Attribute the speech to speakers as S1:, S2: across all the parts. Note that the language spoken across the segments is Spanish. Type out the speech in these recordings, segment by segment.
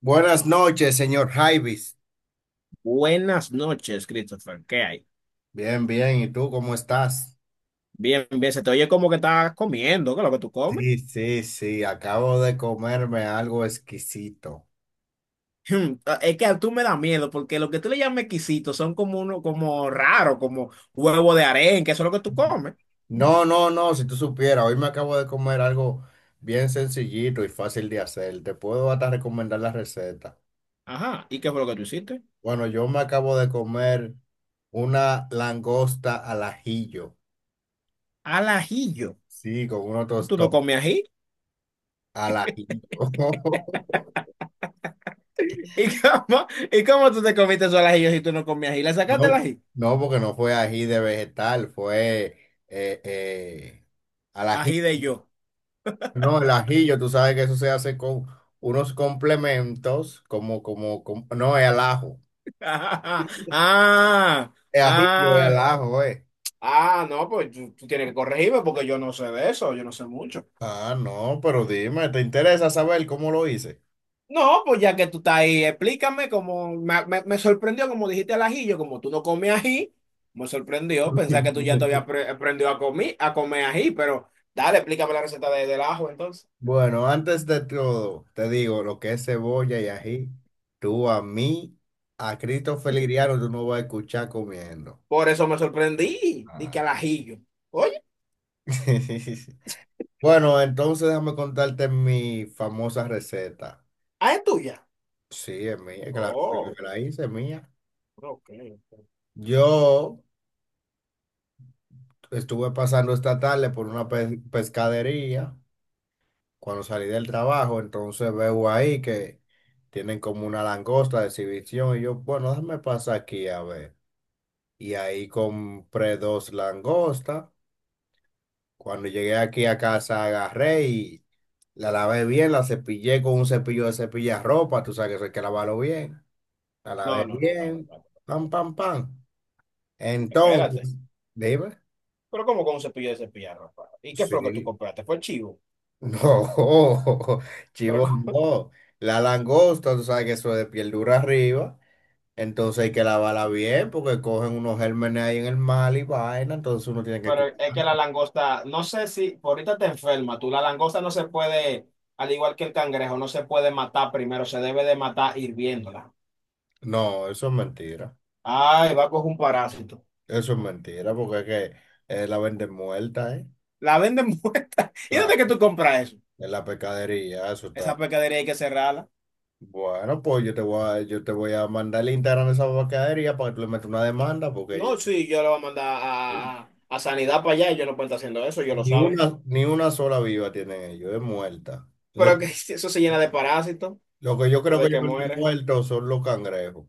S1: Buenas noches, señor Jaivis.
S2: Buenas noches, Christopher. ¿Qué hay?
S1: Bien, bien. ¿Y tú cómo estás?
S2: Bien, se te oye como que estás comiendo, ¿qué es lo que tú comes?
S1: Sí, sí, sí. Acabo de comerme algo exquisito.
S2: Es que a tú me da miedo porque lo que tú le llamas exquisitos son como uno, como raro, como huevo de arenque, que eso es lo que tú comes.
S1: No, no, no. Si tú supieras, hoy me acabo de comer algo bien sencillito y fácil de hacer. Te puedo hasta recomendar la receta.
S2: Ajá, ¿y qué fue lo que tú hiciste?
S1: Bueno, yo me acabo de comer una langosta al ajillo.
S2: Al ajillo.
S1: Sí, con unos
S2: ¿Tú no
S1: tostones
S2: comes ají?
S1: al ajillo.
S2: ¿Y cómo, y cómo tú te comiste eso al ajillo si tú no comías ají? ¿Le sacaste el
S1: No,
S2: ají?
S1: no, porque no fue ají de vegetal, fue eh, eh, al
S2: Ají
S1: ají.
S2: de yo.
S1: No, el ajillo, tú sabes que eso se hace con unos complementos, no, es al ajo.
S2: Ah,
S1: Es ajillo, es al
S2: ah,
S1: ajo, eh.
S2: ah, no, pues tú tienes que corregirme porque yo no sé de eso, yo no sé mucho.
S1: Ah, no, pero dime, ¿te interesa saber cómo lo hice?
S2: No, pues ya que tú estás ahí, explícame cómo me sorprendió, como dijiste al ajillo, como tú no comes ají, me sorprendió pensar que tú ya te habías aprendido a comer ají, pero dale, explícame la receta del ajo entonces.
S1: Bueno, antes de todo, te digo, lo que es cebolla y ají, tú a mí, a Cristo Feliriano, tú no vas a escuchar comiendo.
S2: Por eso me sorprendí, dije al
S1: Ah.
S2: ajillo. Oye,
S1: Bueno, entonces déjame contarte mi famosa receta.
S2: ah, es tuya.
S1: Sí, es mía, claro, fui yo
S2: Oh,
S1: que la hice, es mía.
S2: ok.
S1: Yo estuve pasando esta tarde por una pescadería cuando salí del trabajo, entonces veo ahí que tienen como una langosta de exhibición y yo, bueno, déjame pasar aquí a ver. Y ahí compré dos langostas. Cuando llegué aquí a casa agarré y la lavé bien, la cepillé con un cepillo de cepillar ropa, tú sabes que eso hay que lavarlo bien. A la
S2: No,
S1: vez
S2: no, no, espérate,
S1: bien.
S2: espérate.
S1: Pam, pam, pam. Entonces,
S2: Espérate.
S1: dime.
S2: Pero como con un cepillo de cepillar, ¿ropa? ¿Y qué fue lo que tú
S1: Sí.
S2: compraste? Fue chivo.
S1: No, chivo,
S2: Pero
S1: no. La langosta, tú sabes que eso es de piel dura arriba. Entonces hay que lavarla bien porque cogen unos gérmenes ahí en el mar y vaina. Entonces uno tiene que...
S2: Pero
S1: cu-
S2: es que la langosta, no sé si por ahorita te enferma, tú, la langosta no se puede, al igual que el cangrejo, no se puede matar primero, se debe de matar hirviéndola.
S1: No, eso es mentira.
S2: Ay, va a coger un parásito.
S1: Eso es mentira porque es que la venden muerta, ¿eh?
S2: La venden muerta. ¿Y dónde
S1: Claro,
S2: es que tú compras eso?
S1: en la pescadería, eso está.
S2: Esa pescadería hay que cerrarla.
S1: Bueno, pues yo te voy a mandar el Instagram de esa pescadería para que tú le metas una demanda
S2: No,
S1: porque
S2: sí, yo la voy a mandar a, a sanidad para allá, ellos no pueden estar haciendo eso, ellos lo
S1: ni
S2: saben.
S1: una, ni una sola viva tienen ellos, es muerta. Lo,
S2: Pero que eso se llena de parásitos
S1: lo que yo creo que
S2: desde
S1: ellos
S2: que
S1: venden
S2: muere.
S1: muertos son los cangrejos.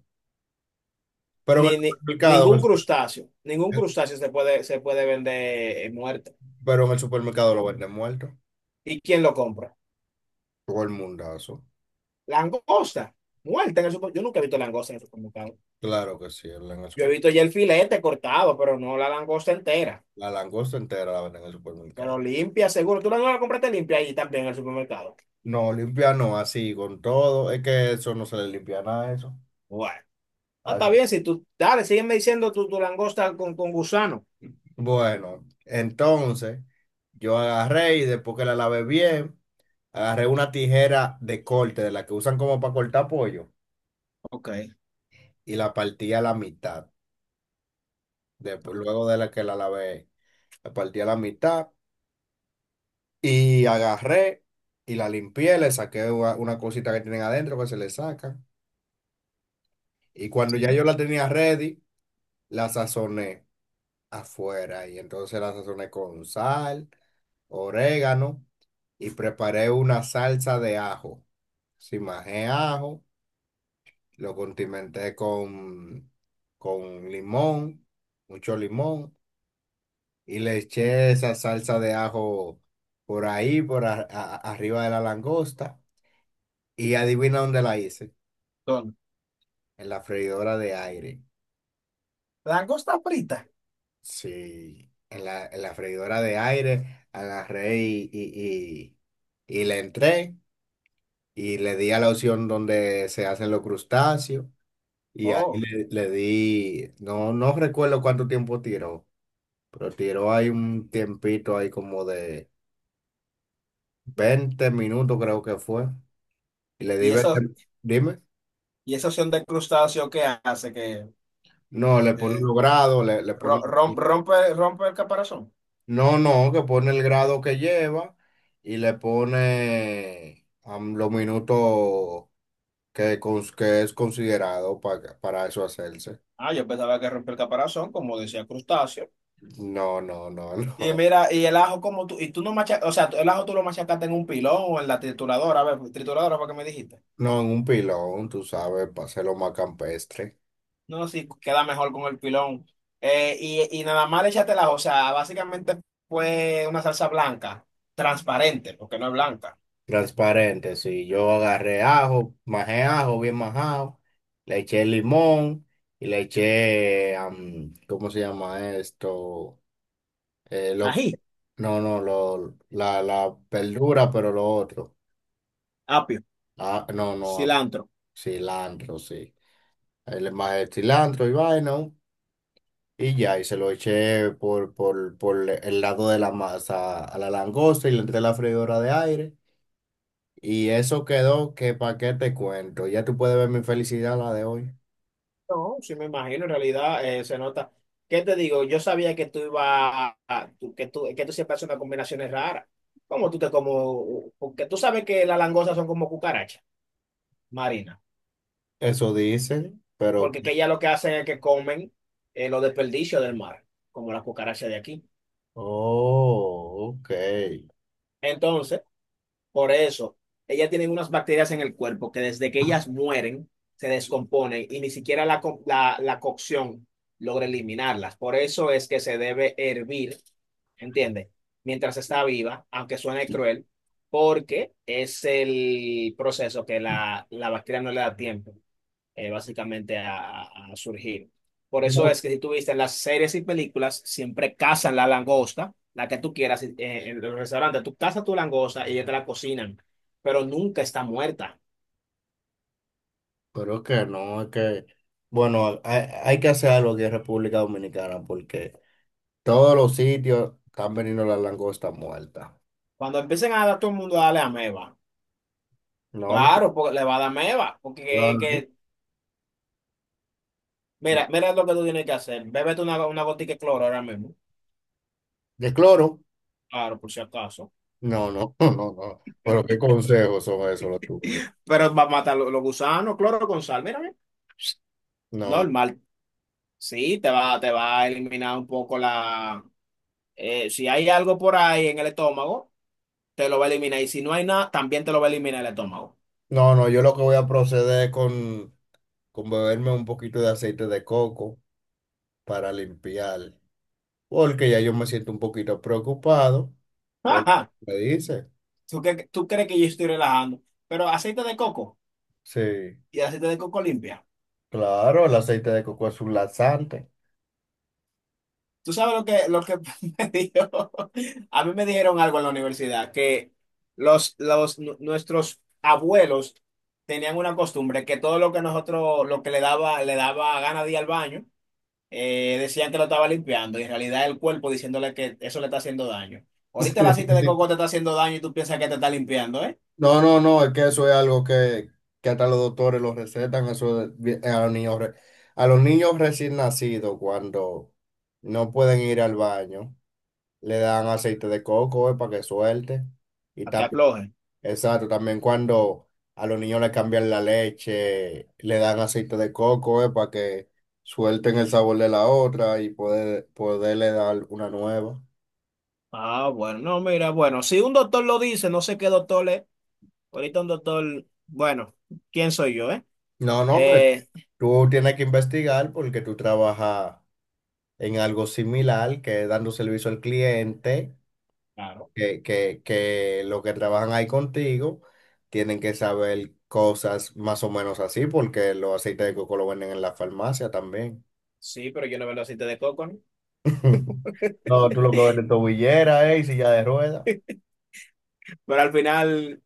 S1: Pero en el
S2: Ni, ni,
S1: supermercado, en el
S2: ningún crustáceo se puede vender muerto.
S1: pero en el supermercado lo venden muerto.
S2: ¿Y quién lo compra?
S1: Todo el mundazo.
S2: Langosta, muerta en el supermercado. Yo nunca he visto langosta en el supermercado.
S1: Claro que sí,
S2: Yo he visto ya el filete cortado, pero no la langosta entera.
S1: la langosta entera la venden en el
S2: Pero
S1: supermercado.
S2: limpia, seguro. Tú la no la compraste limpia ahí también en el supermercado.
S1: No, limpia no, así con todo. Es que eso no se le limpia nada a eso.
S2: Bueno, ah,
S1: A
S2: está
S1: eso.
S2: bien. Si tú, dale, sígueme diciendo tu, tu langosta con gusano.
S1: Bueno, entonces yo agarré y después que la lavé bien, agarré una tijera de corte de la que usan como para cortar pollo
S2: Ok.
S1: y la partí a la mitad. Después,
S2: Ok,
S1: luego de la que la lavé, la partí a la mitad y agarré y la limpié, le saqué una cosita que tienen adentro que se le saca. Y cuando ya
S2: sí.
S1: yo la tenía ready, la sazoné afuera y entonces la sazoné con sal, orégano y preparé una salsa de ajo. Simajé ajo, lo condimenté con limón, mucho limón y le eché esa salsa de ajo por ahí, por arriba de la langosta. Y adivina dónde la hice.
S2: Son
S1: En la freidora de aire.
S2: langosta frita.
S1: Sí, en la freidora de aire agarré y le entré y le di a la opción donde se hacen los crustáceos. Y ahí
S2: Oh,
S1: le di, no, no recuerdo cuánto tiempo tiró, pero tiró ahí un tiempito ahí como de 20 minutos creo que fue. Y le
S2: y
S1: debe,
S2: eso,
S1: dime,
S2: y esa opción de crustáceo que hace que
S1: no, le pone
S2: eh,
S1: los grados, le pone,
S2: rompe, rompe el caparazón.
S1: no, no, que pone el grado que lleva y le pone los minutos que es considerado para eso hacerse.
S2: Ah, yo pensaba que rompe el caparazón, como decía crustáceo.
S1: No, no, no,
S2: Y
S1: no,
S2: mira, y el ajo como tú, y tú no machacas, o sea, el ajo tú lo machacaste en un pilón o en la trituradora, a ver, pues, trituradora fue que me dijiste.
S1: no, en un pilón, tú sabes, para hacerlo más campestre.
S2: No, no, sí, queda mejor con el pilón. Y nada más le echaste el ajo, o sea, básicamente fue una salsa blanca, transparente, porque no es blanca.
S1: Transparente, sí, yo agarré ajo, majé ajo, bien majado, le eché limón y le eché, ¿cómo se llama esto? Eh, lo,
S2: Ají,
S1: no, no, la verdura, pero lo otro.
S2: apio.
S1: Ah, no, no,
S2: Cilantro.
S1: cilantro, sí. El, más el cilantro y vaina. Y ya, y se lo eché por el lado de la masa a la langosta y le entré la freidora de aire. Y eso quedó que pa' qué te cuento. Ya tú puedes ver mi felicidad la de hoy.
S2: No, sí me imagino, en realidad se nota. ¿Qué te digo? Yo sabía que tú ibas a que tú, que tú siempre haces unas combinaciones raras. ¿Cómo tú te como? Porque tú sabes que las langostas son como cucarachas marinas.
S1: Eso dicen, pero...
S2: Porque que ellas lo que hacen es que comen los desperdicios del mar, como las cucarachas de aquí.
S1: Oh, ok.
S2: Entonces, por eso, ellas tienen unas bacterias en el cuerpo que desde que ellas mueren, se descomponen y ni siquiera la cocción logra eliminarlas. Por eso es que se debe hervir, ¿entiendes? Mientras está viva, aunque suene cruel, porque es el proceso que la bacteria no le da tiempo, básicamente a surgir. Por eso
S1: No,
S2: es que si tú viste las series y películas, siempre cazan la langosta, la que tú quieras, en los restaurantes, tú cazas tu langosta y ellos te la cocinan, pero nunca está muerta.
S1: pero es que no, es que, bueno, hay que hacer algo aquí en República Dominicana porque todos los sitios están veniendo las langostas muertas.
S2: Cuando empiecen a dar todo el mundo a darle ameba,
S1: No, no,
S2: claro, porque le va a dar ameba, porque
S1: no, no.
S2: mira,
S1: Bueno,
S2: mira lo que tú tienes que hacer, bébete una gotica de cloro ahora mismo,
S1: ¿de cloro?
S2: claro, por si acaso,
S1: No, no, no, no. Pero qué consejos son esos los tuyos.
S2: pero va a matar los gusanos, cloro con sal, mira, mira,
S1: No, no,
S2: normal, sí, te va a eliminar un poco la... si hay algo por ahí en el estómago, te lo va a eliminar. Y si no hay nada, también te lo va a eliminar el estómago.
S1: no, no, yo lo que voy a proceder es con beberme un poquito de aceite de coco para limpiar, porque ya yo me siento un poquito preocupado por lo
S2: Ajá.
S1: que me dice.
S2: ¿Tú, tú crees que yo estoy relajando? Pero aceite de coco
S1: Sí,
S2: y aceite de coco limpia.
S1: claro, el aceite de coco es un laxante.
S2: ¿Tú sabes lo que me dijo? A mí me dijeron algo en la universidad, que nuestros abuelos tenían una costumbre que todo lo que nosotros, lo que le daba gana de ir al baño, decían que lo estaba limpiando y en realidad el cuerpo diciéndole que eso le está haciendo daño. Ahorita el aceite de coco te está haciendo daño y tú piensas que te está limpiando, ¿eh?
S1: No, no, no, es que eso es algo que hasta los doctores lo recetan, eso es a los niños, a los niños recién nacidos cuando no pueden ir al baño, le dan aceite de coco, para que suelte. Y
S2: A que
S1: también,
S2: afloje.
S1: exacto, también cuando a los niños le cambian la leche, le dan aceite de coco, para que suelten el sabor de la otra y poderle dar una nueva.
S2: Ah, bueno, no, mira, bueno, si un doctor lo dice, no sé qué doctor es, ahorita un doctor, bueno, ¿quién soy yo, eh?
S1: No, no, que
S2: Eh,
S1: tú tienes que investigar porque tú trabajas en algo similar, que es dando servicio al cliente,
S2: claro,
S1: que los que trabajan ahí contigo tienen que saber cosas más o menos así, porque los aceites de coco lo venden en la farmacia también.
S2: sí, pero yo no veo el aceite de coco, ¿no?
S1: No, tú lo que vendes es tobillera, y silla de ruedas.
S2: Pero al final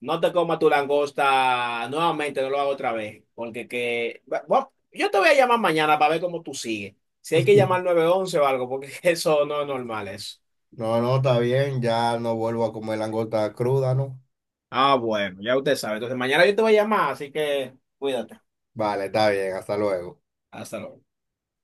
S2: no te comas tu langosta nuevamente, no lo hago otra vez. Porque que... bueno, yo te voy a llamar mañana para ver cómo tú sigues. Si hay que llamar 911 o algo, porque eso no es normal, eso.
S1: No, no, está bien, ya no vuelvo a comer langosta cruda, ¿no?
S2: Ah, bueno, ya usted sabe. Entonces mañana yo te voy a llamar, así que cuídate.
S1: Vale, está bien, hasta luego.
S2: Hasta luego.